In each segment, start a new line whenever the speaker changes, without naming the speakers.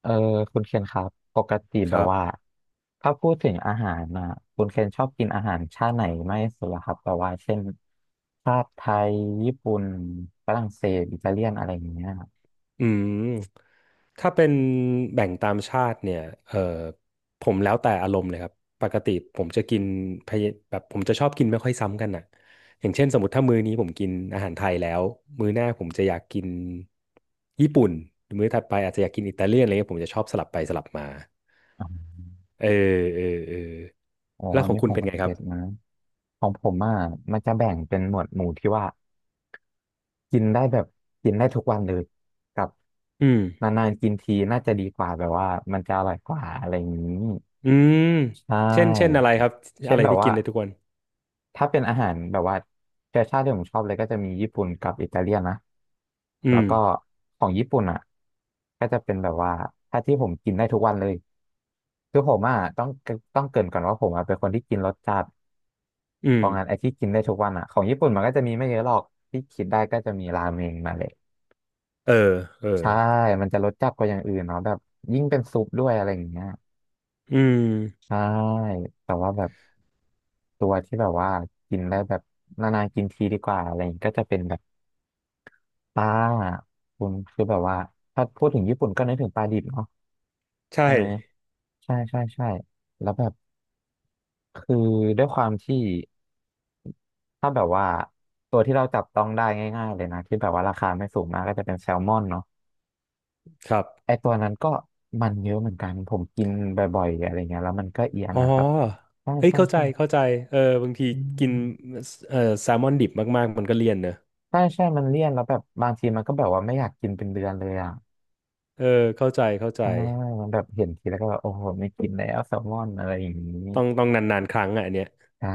เออคุณเคนครับปกติ
ค
แบบ
รับ
ว่าถ้าพูดถึงอาหารนะคุณเคนชอบกินอาหารชาติไหนมากที่สุดล่ะครับแบบว่าเช่นชาติไทยญี่ปุ่นฝรั่งเศสอิตาเลียนอะไรอย่างเงี้ย
อืมถ้าเป็นแบ่งตามชาติเนี่ยเออผมแล้วแต่อารมณ์เลยครับปกติผมจะกินพะเยแบบผมจะชอบกินไม่ค่อยซ้ำกันอ่ะอย่างเช่นสมมติถ้ามื้อนี้ผมกินอาหารไทยแล้วมื้อหน้าผมจะอยากกินญี่ปุ่นหรือมื้อถัดไปอาจจะอยากกินอิตาเลียนอะไรเงี้ยผมจะชอบสลับไปสลับมาเออเออเออ
อ๋อ
แล้ว
อั
ข
น
อง
นี้
คุ
ผ
ณ
ม
เป็น
ก็
ไงค
เก็
รับ
ตนะของผมอ่ะมันจะแบ่งเป็นหมวดหมู่ที่ว่ากินได้แบบกินได้ทุกวันเลยกับ
อืม
นานๆกินทีน่าจะดีกว่าแบบว่ามันจะอร่อยกว่าอะไรอย่างนี้
อืม
ใช
เช่นอะ
่
ไรครับ
เช่
อะ
น
ไร
แบบ
ที่กิ
ว่า
นได้ทุกวัน
ถ้าเป็นอาหารแบบว่าเชื้อชาติที่ผมชอบเลยก็จะมีญี่ปุ่นกับอิตาเลียนนะ
อื
แล้ว
ม
ก็ของญี่ปุ่นอ่ะก็จะเป็นแบบว่าถ้าที่ผมกินได้ทุกวันเลยคือผมอ่ะต้องเกริ่นก่อนว่าผมอ่ะเป็นคนที่กินรสจัด
อื
เพ
ม
ราะงั้นไอ้ที่กินได้ทุกวันอ่ะของญี่ปุ่นมันก็จะมีไม่เยอะหรอกที่คิดได้ก็จะมีราเมงมาเลย
เออเออ
ใช่มันจะรสจัดกว่าอย่างอื่นเนาะแบบยิ่งเป็นซุปด้วยอะไรอย่างเงี้ย
อืม
ใช่แต่ว่าแบบตัวที่แบบว่ากินได้แบบนานๆกินทีดีกว่าอะไรอย่างงี้ก็จะเป็นแบบ ปลาคุณคือแบบว่าถ้าพูดถึงญี่ปุ่นก็นึกถึงปลาดิบเนาะ
ใช่
ใช่ไหมใช่ใช่ใช่แล้วแบบคือด้วยความที่ถ้าแบบว่าตัวที่เราจับต้องได้ง่ายๆเลยนะที่แบบว่าราคาไม่สูงมากก็จะเป็นแซลมอนเนาะ
ครับ
ไอตัวนั้นก็มันเยอะเหมือนกันผมกินบ่อยๆอะไรเงี้ยแล้วมันก็เอียน
อ๋อ
นะครับใช่
เอ้ย
ใช่
เข้าใจ
ใช่
เข้าใจเออบางที
อื
กิน
ม
แซลมอนดิบมากๆมันก็เลี่ยนเนอะ
ใช่ใช่มันเลี่ยนแล้วแบบบางทีมันก็แบบว่าไม่อยากกินเป็นเดือนเลยอ่ะ
เออเข้าใจเข้าใจ
อ่ามันแบบเห็นทีแล้วก็แบบโอ้โหไม่กินแล้วแซลมอนอะไรอย่างนี้
ต้องนานๆครั้งอ่ะอันเนี้ย
ใช่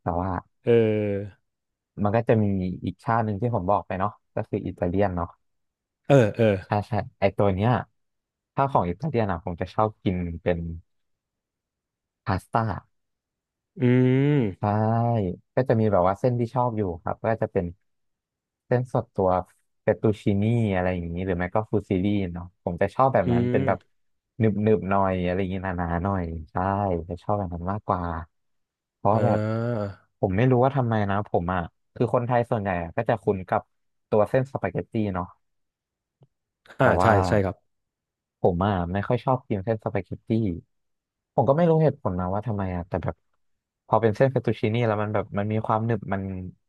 แต่ว่า
เออ
มันก็จะมีอีกชาติหนึ่งที่ผมบอกไปเนาะก็คืออิตาเลียนเนาะ
เออเออ
ใช่ใช่ ไอตัวเนี้ยถ้าของอิตาเลียนอ่ะผมจะชอบกินเป็นพาสต้า
อื
ใช่
ม
ก็จะมีแบบว่าเส้นที่ชอบอยู่ครับก็จะเป็นเส้นสดตัวเฟตตูชินี่อะไรอย่างนี้หรือไม่ก็ฟูซิลี่เนาะผมจะชอบแบบ
อื
นั้นเป็น
ม
แบบหนึบหนึบหน่อยอะไรอย่างนี้หนาๆหน่อยใช่จะชอบแบบนั้นมากกว่าเพราะ
อ่
แบบ
า
ผมไม่รู้ว่าทำไมนะผมอ่ะคือคนไทยส่วนใหญ่อะก็จะคุ้นกับตัวเส้นสปาเกตตี้เนาะ
อ่า
แต่
ใช่
ว่า
ใช่ครับ
ผมอ่ะไม่ค่อยชอบกินเส้นสปาเกตตี้ผมก็ไม่รู้เหตุผลนะว่าทำไมอ่ะแต่แบบพอเป็นเส้นเฟตตูชินี่แล้วมันแบบมันมีความหนึบมัน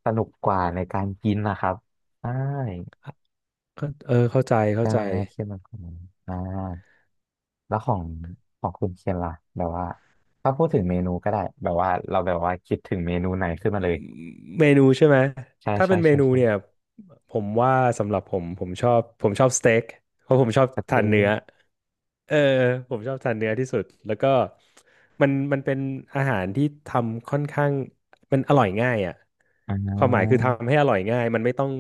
สนุกกว่าในการกินนะครับใช่
เข้าเออเข้าใจเข้า
ใช่
ใจ
ไหมเคียนมันของอ่าแล้วของคุณเคียนล่ะแบบว่าถ้าพูดถึงเมนูก็ได้แบบว่าเราแบบว่าคิดถึงเมนูไหนขึ้นมาเลย
เมนูใช่ไหม
ใช่
ถ้า
ใช่
เป็นเม
ใช่
นู
ใช่
เนี่ยผมว่าสำหรับผมผมชอบสเต็กเพราะผมชอบ
ส
ทา
เต๊
น
ก
เนื้อ เออผมชอบทานเนื้อที่สุดแล้วก็มันเป็นอาหารที่ทำค่อนข้างมันอร่อยง่ายอ่ะ
อ่
ความหมายคือ
า
ทำให้อร่อยง่ายมันไม่ต้อง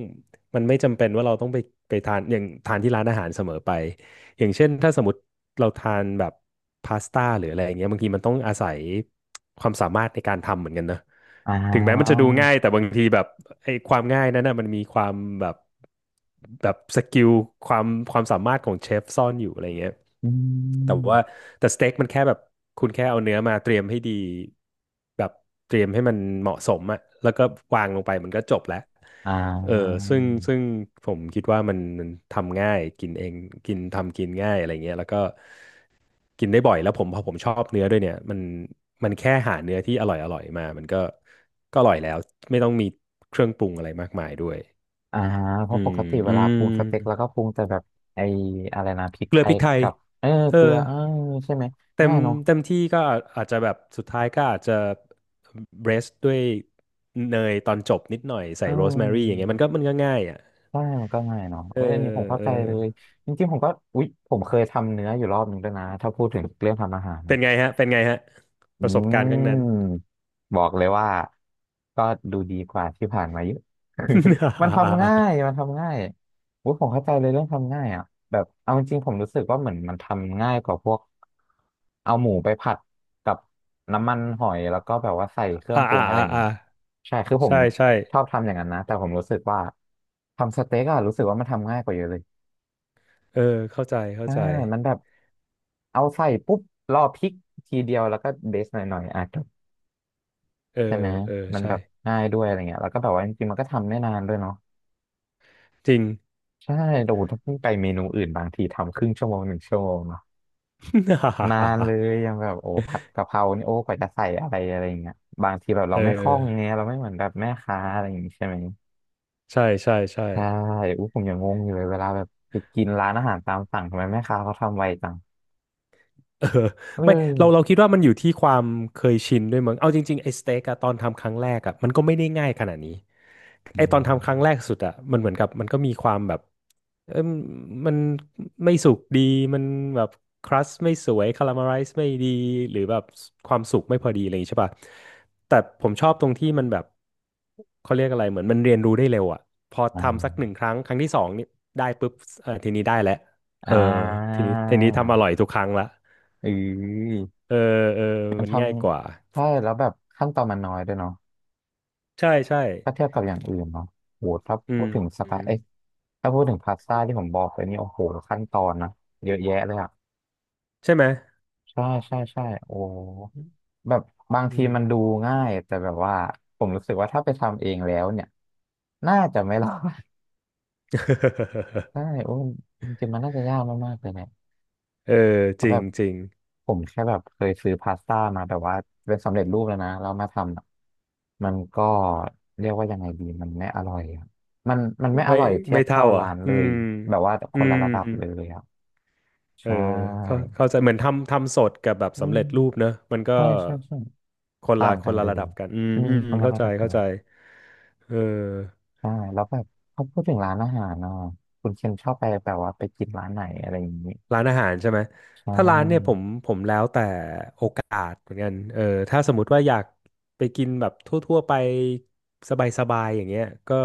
มันไม่จำเป็นว่าเราต้องไปทานที่ร้านอาหารเสมอไป อย่างเช่นถ้าสมมติเราทานแบบพาสต้าหรืออะไรอย่างเงี้ยบางทีมันต้องอาศัยความสามารถในการทำเหมือนกันนะ
อ่
ถึงแม้มันจะ
า
ดูง่ายแต่บางทีแบบไอ้ความง่ายนั้นนะมันมีความแบบแบบสกิลความความสามารถของเชฟซ่อนอยู่อะไรเงี้ย
อื
แต่ว่า
ม
แต่สเต็กมันแค่แบบคุณแค่เอาเนื้อมาเตรียมให้ดีแบบเตรียมให้มันเหมาะสมอะแล้วก็วางลงไปมันก็จบแล้ว
อ่า
เออซึ่งซึ่งผมคิดว่ามันทำง่ายกินเองกินทำกินง่ายอะไรเงี้ยแล้วก็กินได้บ่อยแล้วพอผมชอบเนื้อด้วยเนี่ยมันแค่หาเนื้อที่อร่อยมามันก็อร่อยแล้วไม่ต้องมีเครื่องปรุงอะไรมากมายด้วย
อ่าเพ
อื
ราะป
ม
กติเว
อื
ลาปรุงสเต็กแล้
ม
วก็ปรุงแต่แบบไอ้อะไรนะพริก
เก
ไท
ลือพ
ย
ริกไทย
กับเออ
เอ
เกลื
อ
อเออใช่ไหม
เต็
ง่า
ม
ยเนาะ
เต็มที่ก็อาจจะแบบสุดท้ายก็อาจจะเบรสด้วยเนยตอนจบนิดหน่อยใส่
อื
โรสแมรี่อย่างเงี้ยมั
ม
นก็ง่ายอ่ะ
ใช่มันก็ง่ายเนาะ
เอ
เอ้ยอันนี้ผม
อ
เข้า
เอ
ใจ
อ
เลยจริงๆผมก็อุ๊ยผมเคยทำเนื้ออยู่รอบหนึ่งด้วยนะถ้าพูดถึงเรื่องทำอาหาร
เป็นไงฮะ เป็นไงฮะ
อื
ประสบการณ์ครั้งนั้น
มบอกเลยว่าก็ดูดีกว่าที่ผ่านมาเยอะ มันทำ ง่ายมันทำง่ายโอ้ยผมเข้าใจเลยเรื่องทำง่ายอ่ะแบบเอาจริงๆผมรู้สึกว่าเหมือนมันทำง่ายกว่าพวกเอาหมูไปผัดกับน้ำมันหอยแล้วก็แบบว่าใส่เครื่อง
อ่า
ปรุ
อ่า
งอะไร
อ่า
อย่าง
อ่า
นี้ใช่คือผม
ใช่ใช่
ชอบทำอย่างนั้นนะแต่ผมรู้สึกว่าทำสเต็กอะรู้สึกว่ามันทำง่ายกว่าเยอะเลย
เออ เข้าใจเข้า
ใช่
ใจ
มันแบบเอาใส่ปุ๊บรอพริกทีเดียวแล้วก็เดซหน่อยๆอ่ะ
เออ
ใช่ไหม
เออ
มัน
ใช่
แบบง่ายด้วยอะไรเงี้ยแล้วก็แบบว่าจริงๆมันก็ทำไม่นานด้วยเนาะ
จริง
ใช่โอ้โหถ้าเพิ่งไปเมนูอื่นบางทีทำครึ่งชั่วโมงหนึ่งชั่วโมงเนาะ นานเลยยังแบบโอ้ผัดกะเพรานี่โอ้กว่าจะใส่อะไรอะไรเงี้ยบางทีแบบเรา
เอ
ไม่คล่อง
อ
เงี้ยเราไม่เหมือนแบบแม่ค้าอะไรอย่างงี้ใช่ไหม
ใช่ใช่ใช่
ใช่อู้ผมยังงงอยู่เลยเวลาแบบไปกินร้านอาหารตามสั่งทำไมแม่ค้าเขาทำไวจัง
เออ
เอ
ไม่เรา
อ
คิดว่ามันอยู่ที่ความเคยชินด้วยมั้งเอาจริงๆไอ้สเต็กอะตอนทำครั้งแรกอะมันก็ไม่ได้ง่ายขนาดนี้
อื
ไอ้ตอนทำครั้งแรก
ม
สุดอะมันเหมือนมันก็มีความแบบเอมมันไม่สุกดีมันแบบครัสไม่สวยคาราเมลไรซ์ไม่ดีหรือแบบความสุกไม่พอดีอะไรอย่างงี้ใช่ป่ะแต่ผมชอบตรงที่มันแบบเขาเรียกอะไรเหมือนมันเรียนรู้ได้เร็วอะพอ
อ่
ทำสักหนึ่ง
า
ครั้งครั้งที่สองนี่ได้ปุ๊บเออทีนี้ได้แล้วเอ
อ่
อ
า
ทีนี้ทำอร่อยทุกครั้งละ
เออ
เออเออ
มัน
มัน
ท
ง่ายกว่า
ำใช่แล้วแบบขั้นตอนมันน้อยด้วยเนาะ
ใช่ใช่
ถ้าเทียบกับอย่างอื่นเนาะโหถ้า
อื
พูด
ม
ถึงส
อื
ไต
ม
ล์เอ้ยถ้าพูดถึงพาสต้าที่ผมบอกไปนี่โอ้โหขั้นตอนนะเยอะแยะเลยอะ
ใช่ไหม
ใช่ใช่ใช่โอ้แบบบาง
อื
ที
ม
มันดูง่ายแต่แบบว่าผมรู้สึกว่าถ้าไปทำเองแล้วเนี่ยน่าจะไม่รอด ใช่โอ้จริงๆมันน่าจะยากมากๆเลยเนี่ย
เออ
เพ
จ
ราะ
ริ
แบ
ง
บ
จริง
ผมแค่แบบเคยซื้อพาสต้ามาแบบว่าเป็นสำเร็จรูปแล้วนะแล้วมาทำอะมันก็เรียกว่ายังไงดีมันไม่อร่อยอะมันไม่อ
ไม่
ร่อยเทีย
ไม่
บ
เท่า
เท่า
เหรอ่ะ
ร้านเล
อื
ย
ม
แบบว่าค
อื
นละ
ม
ระดับเลยอ่ะใช
เออเข้า
่
เข้าใจเหมือนทำทำสดกับแบบ
อื
สำ
ม
เร็จรูปเนอะมันก็
ใช่ใช่ใช่ต่าง
ค
กั
น
น
ละ
เล
ระดั
ย
บกันอืม
อืม
อืมอื
ค
ม
นละ
เข้า
ระ
ใจ
ดับกัน
เข้า
เล
ใจ
ย
เออ
ใช่แล้วแบบเขาพูดถึงร้านอาหารเนาะคุณเคนชอบไปแบบว่าไปกินร้านไหนอะไรอย่างนี้
ร้านอาหารใช่ไหม
ใช่
ถ้าร้านเนี่ยผมแล้วแต่โอกาสเหมือนกันเออถ้าสมมติว่าอยากไปกินแบบทั่วๆไปสบายๆอย่างเงี้ยก็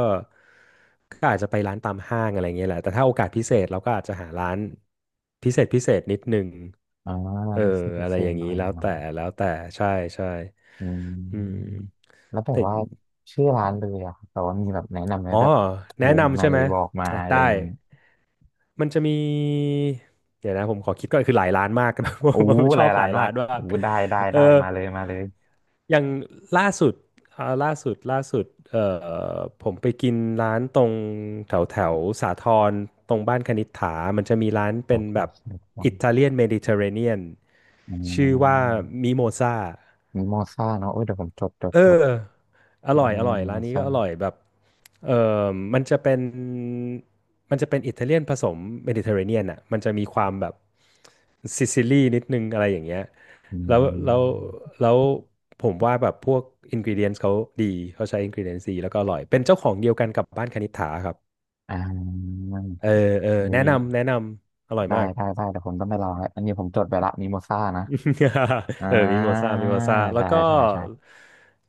ก็อาจจะไปร้านตามห้างอะไรเงี้ยแหละแต่ถ้าโอกาสพิเศษเราก็อาจจะหาร้านพิเศษนิดนึง
อ่า
เออ
มีเซอร์
อะไร
เซอ
อย่า
ร์
ง
หน่
นี้
อยเนาะ
แล้วแต่ใช่ใช่
อื
อืม
มแล้วแบบ
แต่
ว่าชื่อร้านเลยอะครับแต่ว่ามีแบบแนะนำไหม
อ๋อ
แบบ
แนะ
วงใน
นำใช่ไหม
บอกมา
อ่ะ
อะไร
ได้
อย่างงี้
มันจะมีเดี๋ยวนะผมขอคิดก่อนคือหลายร้านมาก
โอ้
ผมช
ห
อ
ลาย
บห
ร้า
ลา
น
ย
มา
ร้า
ก
นมา
โอ้
ก
ได้ได้
เออ
ได้มาเลยมาเลย
อย่างล่าสุดล่าสุดเอ่ผมไปกินร้านตรงแถวแถวสาทรตรงบ้านคณิษฐามันจะมีร้าน
จ
เป็น
ดจ
แบ
ด
บ
จดก่อน
อิตาเลียนเมดิเตอร์เรเนียน
อื
ชื่อว่า
ม
มิโมซา
มีมอซ่าเนาะเอ้ยเดี๋ยวผมจดจด
เอ
จด
อ
ห
อ
น้า
ร่อย
มอ
ร้านนี้
ซ่า
ก็อร่อยแบบเออมันจะเป็นมันจะเป็นอิตาเลียนผสมเมดิเตอร์เรเนียนอ่ะมันจะมีความแบบซิซิลีนิดนึงอะไรอย่างเงี้ย
อื
แล้วแล้ว
ม
แล้วผมว่าแบบพวกอินก e เดียนดีเขาใช้อินก e เดียนดีแล้วก็อร่อยเป็นเจ้าของเดียวกันกับบ้านคณิษฐาครับ
อ่า
เออเออ
เฮ้
แนะ
ย
นำแนะนำอร่อย
ได้
มาก
ได้ได้เดี๋ยวผมต้องไปลองแล้วอันนี้ผมจดไปละมีมอซ่านะอ่า
มิโมซ่าแล้
ได้
วก็
ได้ได้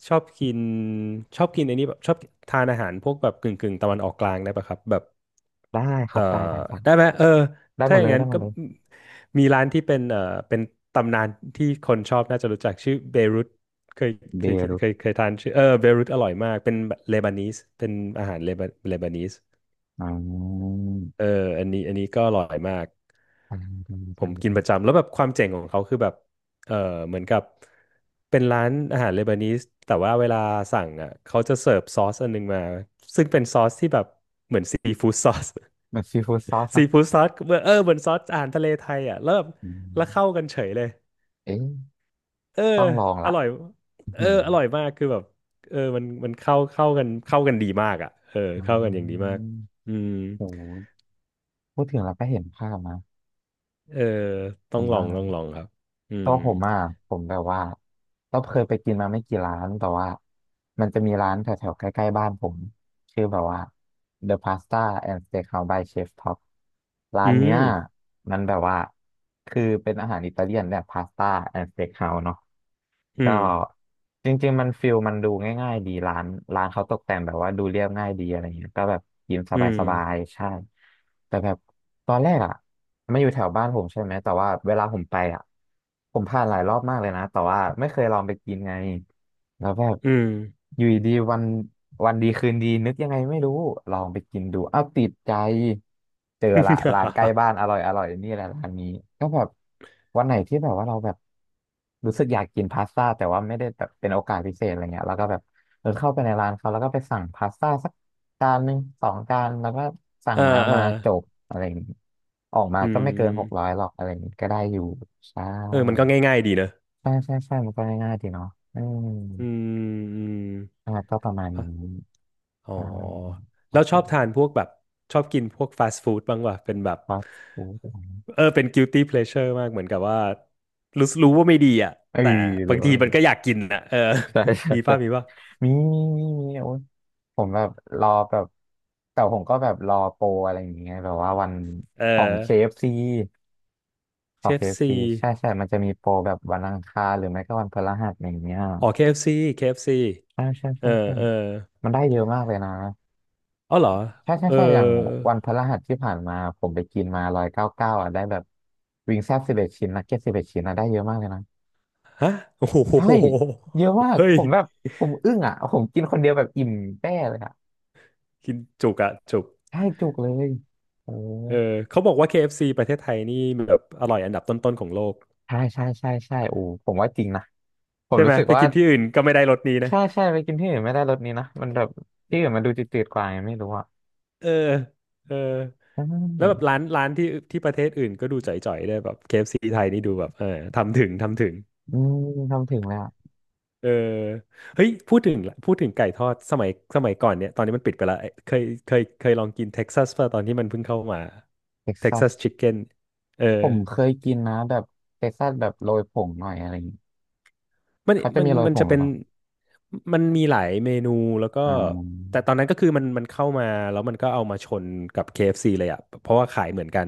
ชอบกินชอบกินไอ้นี่แบบชอบทานอาหารพวกแบบกึ่งตะวันออกกลางได้ปะครับแบบ
ได้ค
เอ
รั
อ
บได้ได้ได้
ได้ไหม
ได้ห
ถ้า
ม
อ
ด
ย่า
เล
ง
ย
นั้น
ได้หม
ก็
ดเลย
มีร้านที่เป็นเป็นตำนานที่คนชอบน่าจะรู้จักชื่อเบรุตเคย
เบร
เคยทานชื่อเบรุตอร่อยมากเป็นเลบานีสเป็นอาหารเลบานีส
อ๋อ
เอออันนี้ก็อร่อยมาก
ใช่ใช่
ผ
ใช่
มกิน
ใช่
ประจำแล้วแบบความเจ๋งของเขาคือแบบ เออ เหมือนกับเป็นร้านอาหารเลบานีสแต่ว่าเวลาสั่งอ่ะเขาจะเสิร์ฟซอสอันนึงมาซึ่งเป็นซอสที่แบบเหมือนซีฟู้ดซอส
แบบซีฟู้ดซอส
ซี
นะ
ฟู้ดซอสเหมือนซอสอาหารทะเลไทยอ่ะแล้วแบบ
อืม
แล้วเข้ากันเฉยเลย
เอ๊ะ
เออ
ต้องลอง
อ
ละ
ร่อย
อืม
อร่อยมากคือแบบ มันเข้ากันดีมากอ่ะ
อ๋
เข้ากันอย่างดี
อ
มากอืม
โหพูดถึงแล้วก็เห็นภาพนะ
เออ
ผมว่า
ต้องลองครับอื
ตั
ม
วผมอ่ะผมแบบว่าเราเคยไปกินมาไม่กี่ร้านแต่ว่ามันจะมีร้านแถวๆใกล้ๆบ้านผม คือแบบว่า The Pasta and Steakhouse by Chef Top ร้า
อื
นเนี้ย
ม
มันแบบว่าคือเป็นอาหารอิตาเลียนแบบพาสต้าแอนด์สเต็กเฮาส์เนาะ
อื
ก็
ม
จริงๆมันฟิลมันดูง่ายๆดีร้านเขาตกแต่งแบบว่าดูเรียบง่ายดีอะไรเงี้ยก็แบบกิน
อืม
สบายๆใช่แต่แบบตอนแรกอ่ะไม่อยู่แถวบ้านผมใช่ไหมแต่ว่าเวลาผมไปอ่ะผมผ่านหลายรอบมากเลยนะแต่ว่าไม่เคยลองไปกินไง แล้วแบบ
อืม
อ ยู่ดีๆวันดีคืนดีนึกยังไงไม่รู้ลองไปกินดูอ้าวติดใจเจอละร้านใกล้บ้านอร่อยอร่อยนี่แหละร้านนี้ก็แบบวันไหนที่แบบว่าเราแบบรู้สึกอยากกินพาสต้าแต่ว่าไม่ได้แบบเป็นโอกาสพิเศษอะไรเงี้ยแล้วก็แบบเออเข้าไปในร้านเขาแล้วก็ไปสั่งพาสต้าสักจานหนึ่งสองจานแล้วก็สั่
เอ
ง
อเอ
น้ำ
อ
มาจบอะไรอย่างงี้ออกมา
อื
ก็ไม่เกิน600
ม
หรอกอะไรอย่างงี้ก็ได้อยู่ใช่
มันก็ง่ายๆดีเนอะ
ใช่ใช่ใช่มันก็ง่ายๆดีเนาะอืม
อืมอืม
อ่าก็ประมาณ
อะ
นี้
อ๋อ
อ่าโอ
แล้ว
เค
ชอบทานพวกแบบชอบกินพวกฟาสต์ฟู้ดบ้างวะเป็นแบบ
ฟาสต์ฟู้ด
เป็น guilty pleasure มากเหมือนกับว่ารู้ว่าไม่ดีอ่ะ
เออ
แต่
หรื
บา
อ
ง
ว่า
ที
ไม่
มั
ดี
นก็อยากกินอ่ะ
ใช่ ใช่ ใช่
มีป่ะ
มีมีมีมีโอ้ยผมแบบรอแบบ แต่ผมก็แบบรอโปรอะไรอย่างเงี้ยแบบว่าวัน
เอ
ของ
อ
KFC ของ
KFC อฟซี
KFC ใช่ใช่มันจะมีโปรแบบวันอังคารหรือไม่ก็วันพฤหัสอย่างเงี้ย
อ๋อ KFC ฟซีเคเอฟซี
ใช่ใช่
เออ
ใช่ใช่
เออ
มันได้เยอะมากเลยนะ
อ๋อเหรอ
ใช่ใช่
เอ
ใช่อย่างวันพฤหัสที่ผ่านมาผมไปกินมา199อ่ะได้แบบวิงแซ่บสิบเอ็ดชิ้นนักเก็ตสิบเอ็ดชิ้นนะได้เยอะมากเลยนะ
ฮะ โอ้โ
ใช่
ห
เยอะมาก
เฮ้
ผ
ย
มแบบผมอึ้งอ่ะผมกินคนเดียวแบบอิ่มแป้เลยอ่ะ
กินจุกอะจุก
ใช่จุกเลยโอ้
เออเขาบอกว่า KFC ประเทศไทยนี่แบบอร่อยอันดับต้นๆของโลก
ใช่ใช่ใช่ใช่โอ้ผมว่าจริงนะผม
ใช่ไหม
รู้สึก
ไป
ว่า
กินที่อื่นก็ไม่ได้รสนี้นะ
ใช่ใช่ไปกินที่อื่นไม่ได้รสนี้นะมันแบบที่อื่นมันดูจืดๆกว่าไงไม่รู้อ่ะ
เออเออ
ใช
แล้วแบบ
่
ร้านที่ที่ประเทศอื่นก็ดูจ่อยๆได้วยแบบ KFC ไทยนี่ดูแบบทำถึง
อืมทำถึงแล้ว
เออเฮ้ยพูดถึงพูดถึงไก่ทอดสมัยก่อนเนี่ยตอนนี้มันปิดไปแล้วเอ้ยเคยลองกินเท็กซัสป่ะตอนที่มันเพิ่งเข้ามา
เท็ก
เท็ก
ซั
ซั
ส
สชิคเก้นเออ
ผมเคยกินนะแบบเท็กซัสแบบโรยผงหน่อยอะไร เขาจะมีโอย
มัน
ผง
จะ
หรื
เป็
อ
น
เปล่า
มันมีหลายเมนูแล้วก็
อ่
แต่
า
ตอนนั้นก็คือมันเข้ามาแล้วมันก็เอามาชนกับ KFC เอฟซีเลยอ่ะเพราะว่าขายเหมือนกัน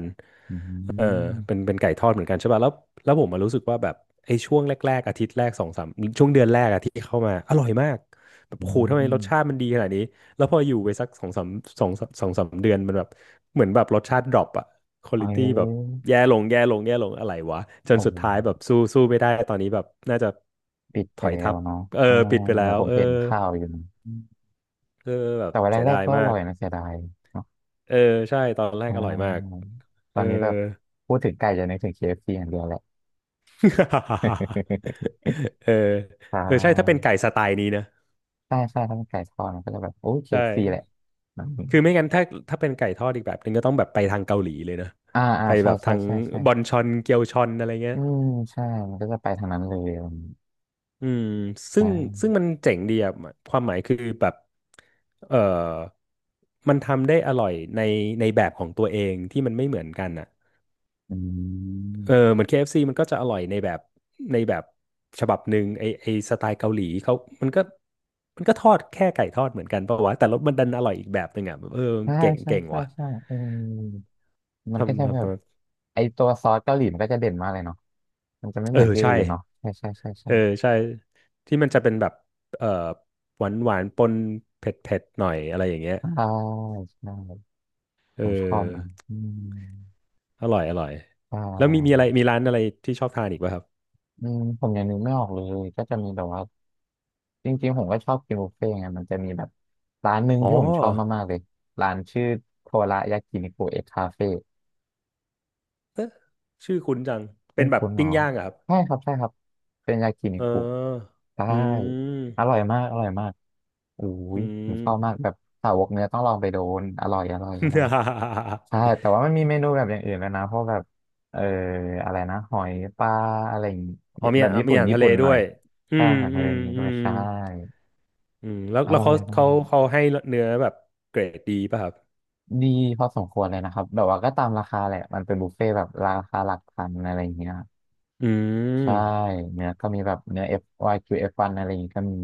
อื
เออ
ม
เป็นไก่ทอดเหมือนกันใช่ป่ะแล้วแล้วผมมารู้สึกว่าแบบไอ้ช่วงแรกๆอาทิตย์แรกสองสามช่วงเดือนแรกอะที่เข้ามาอร่อยมากแบบ
อื
โอ้โหทำไมรส
ม
ชาติมันดีขนาดนี้ แล้วพออยู่ไปสักสองสามสองสองสามเดือนมันแบบเหมือนแบบรสชาติดรอปอะควอ
เอ้
ลิตี้แบบ
ย
แย่ลงแย่ลงแย่ลงอะไรวะจน
โอ้
สุดท้ายแบบสู้ไม่ได้ตอนนี้แบบน่าจะ
ปิด
ถ
ไป
อย
แล้
ทั
ว
บ
เนาะ
เออ
อ่า
ปิดไป
เห
แล้
มือน
ว
ผม
เออ
เห็นข่าวอยู่นะอืม
เออแบบ
แต่ว่า
เสีย
แร
ดา
ก
ย
ๆก็อ
มา
ร่อ
ก
ยนะเสียดายเนาะ
เออใช่ตอนแร
อ่
กอร่อยมาก
าต
เอ
อ
อ
นนี้แบบพูดถึงไก่จะนึกถึง KFC อฟซีอย่างเดียวแหละ
เออ
ใช
เออใช่ถ้าเป็น
่
ไก่สไตล์นี้นะ
ใช่ใช่ถ้าเป็นไก่ทอดมันก็จะแบบโอ้
ใช่
KFC แหละอื
คือไม่
ม
งั้นถ้าถ้าเป็นไก่ทอดอีกแบบนึงก็ต้องแบบไปทางเกาหลีเลยนะ
อ่าอ่า
ไป
ใช่
แบบ
ใช่
ทาง
ใช่ใช่
บอนชอนเกียวชอนอะไรเงี้ย
อืมใช่มันก็จะไปทางนั้นเลยอะไรอย่างงี้
อืมซึ่งซึ่
ใช่
งมันเจ๋งดีอะความหมายคือแบบเออมันทำได้อร่อยในแบบของตัวเองที่มันไม่เหมือนกันอ่ะ
อืม
เหมือน KFC มันก็จะอร่อยในแบบในแบบฉบับหนึ่งไอสไตล์เกาหลีเขามันก็มันก็ทอดแค่ไก่ทอดเหมือนกันเปล่าวะแต่รสมันดันอร่อยอีกแบบหนึ่งอ่ะแบบ
ใช่ใช่
เก่ง
ใช่
ว่ะ
ใช่เออ มันก็จะแบ
ท
บไอตัวซอสเกาหลีมันก็จะเด่นมากเลยเนาะมันจะไม่
ำ
เหมือนที่
ใช่
อื่นเนาะใช่ใช่ใช่
เอ
ใช่
อใช่ที่มันจะเป็นแบบเออหวานปนเผ็ดหน่อยอะไรอย่างเงี้ย
ใช่ใช่
เอ
ผมชอบนะ
อ
อืม
อร่อย
ใช
แล้วมีอะ
่
ไรมีร้านอะไรที่ชอบทานอีกป่ะครับ
อืมผมยังนึกไม่ออกเลยก็จะมีแบบว่าจริงๆผมก็ชอบกินบุฟเฟ่ต์ไงมันจะมีแบบร้านหนึ่ง
อ๋อ
ที่ผมชอบมากๆเลยร้านชื่อโทรายากินิคุเอ็กคาเฟ่
เอ๊ะชื่อคุ้นจัง
เป็
เป็น
น
แบบ
คุณหม
ปิ้
อ
งย่างเหรอครับ
ใช่ครับใช่ครับเป็นยากินิ
เ
คุ
ออ
ใช่
อื
อร่
ม
อยมากอร่อยมากอุ้
อื
ยผมชอบมา
ม
กแบบสาวกเนื้อต้องลองไปโดนอร่อยอร่อยอร่อยใช่ แต่ว่ามันมีเมนูแบบอย่างอื่นแล้วนะเพราะแบบเอออะไรนะหอยปลาอะไรอย่างงี้
อ๋อมี
แบบ
อ่ะ
ญี่
มี
ปุ่
อา
น
หาร
ญี่
ทะเล
ปุ่นห
ด้
น่อ
ว
ย
ยอื
ใช่
ม
อาหาร
อื
ทะเล
ม
นี้
อื
ด้วย
ม
ใช่
อืมแล้ว
อ
แล้ว
ร่อยมาก
เขาให้เนื้อแบบเกรดดีป่ะครับ
ดีพอสมควรเลยนะครับแบบว่าก็ตามราคาแหละมันเป็นบุฟเฟ่ต์แบบราคาหลักพันอะไรอย่างเงี้ย
อืม
ใช่เนื้อก็มีแบบเนื้อ F Y Q F1 อฟวันอะไรอย่างงี้ก็มี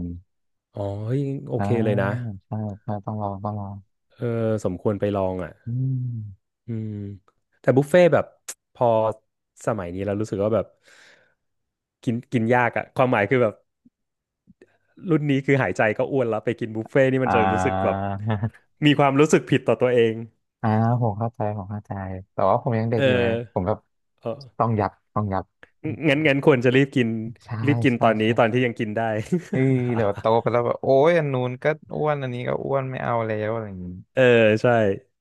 อ๋อเฮ้ยโอ
อ่า
เคเลยนะ
ใช่ใช่ต้องลองต้องลอง
เออสมควรไปลองอ่ะ
อืม
อืมแต่บุฟเฟ่ต์แบบ พอสมัยนี้เรารู้สึกว่าแบบกินกินยากอะความหมายคือแบบรุ่นนี้คือหายใจก็อ้วนแล้วไปกินบุฟเฟ่ต์นี่มัน
อ่า
จะรู้สึกแบบ มีความรู้สึกผิดต่อตัวเอง
อ่าผมเข้าใจผมเข้าใจแต่ว่าผมยังเด็
เอ
กอยู่ไงผม
อ
แบบ
เออ
ต้องยับต้องยับ
งั้นควรจะรีบกิน
ใช่
รีบกิน
ใช่
ตอนนี้
ใช่
ตอนที่ยังกินได้
เอ้ยเดี๋ยวโตไปแล้วแบบโอ้ยอันนู้นก็อ้วนอันนี้ก็อ้วนไม่เอาแล้วอะไรอย่างนี้
เออใช่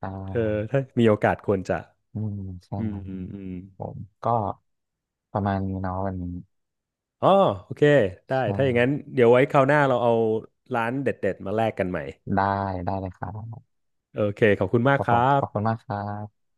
ใช
เออ
่
ถ้ามีโอกาสควรจะ
อืมใช่
อืมอืมอืม
ผมก็ประมาณนี้เนาะวันนี้
อ๋อโอเคได้
ใช่
ถ้าอย่างนั้นเดี๋ยวไว้คราวหน้าเราเอาร้านเด็ดๆมาแลกกันใหม่
ได้ได้เลยครับ
โอเคขอบคุณมา
ข
ก
อบ
ค
คุ
รั
ณขอบคุณ
บ
มากครับ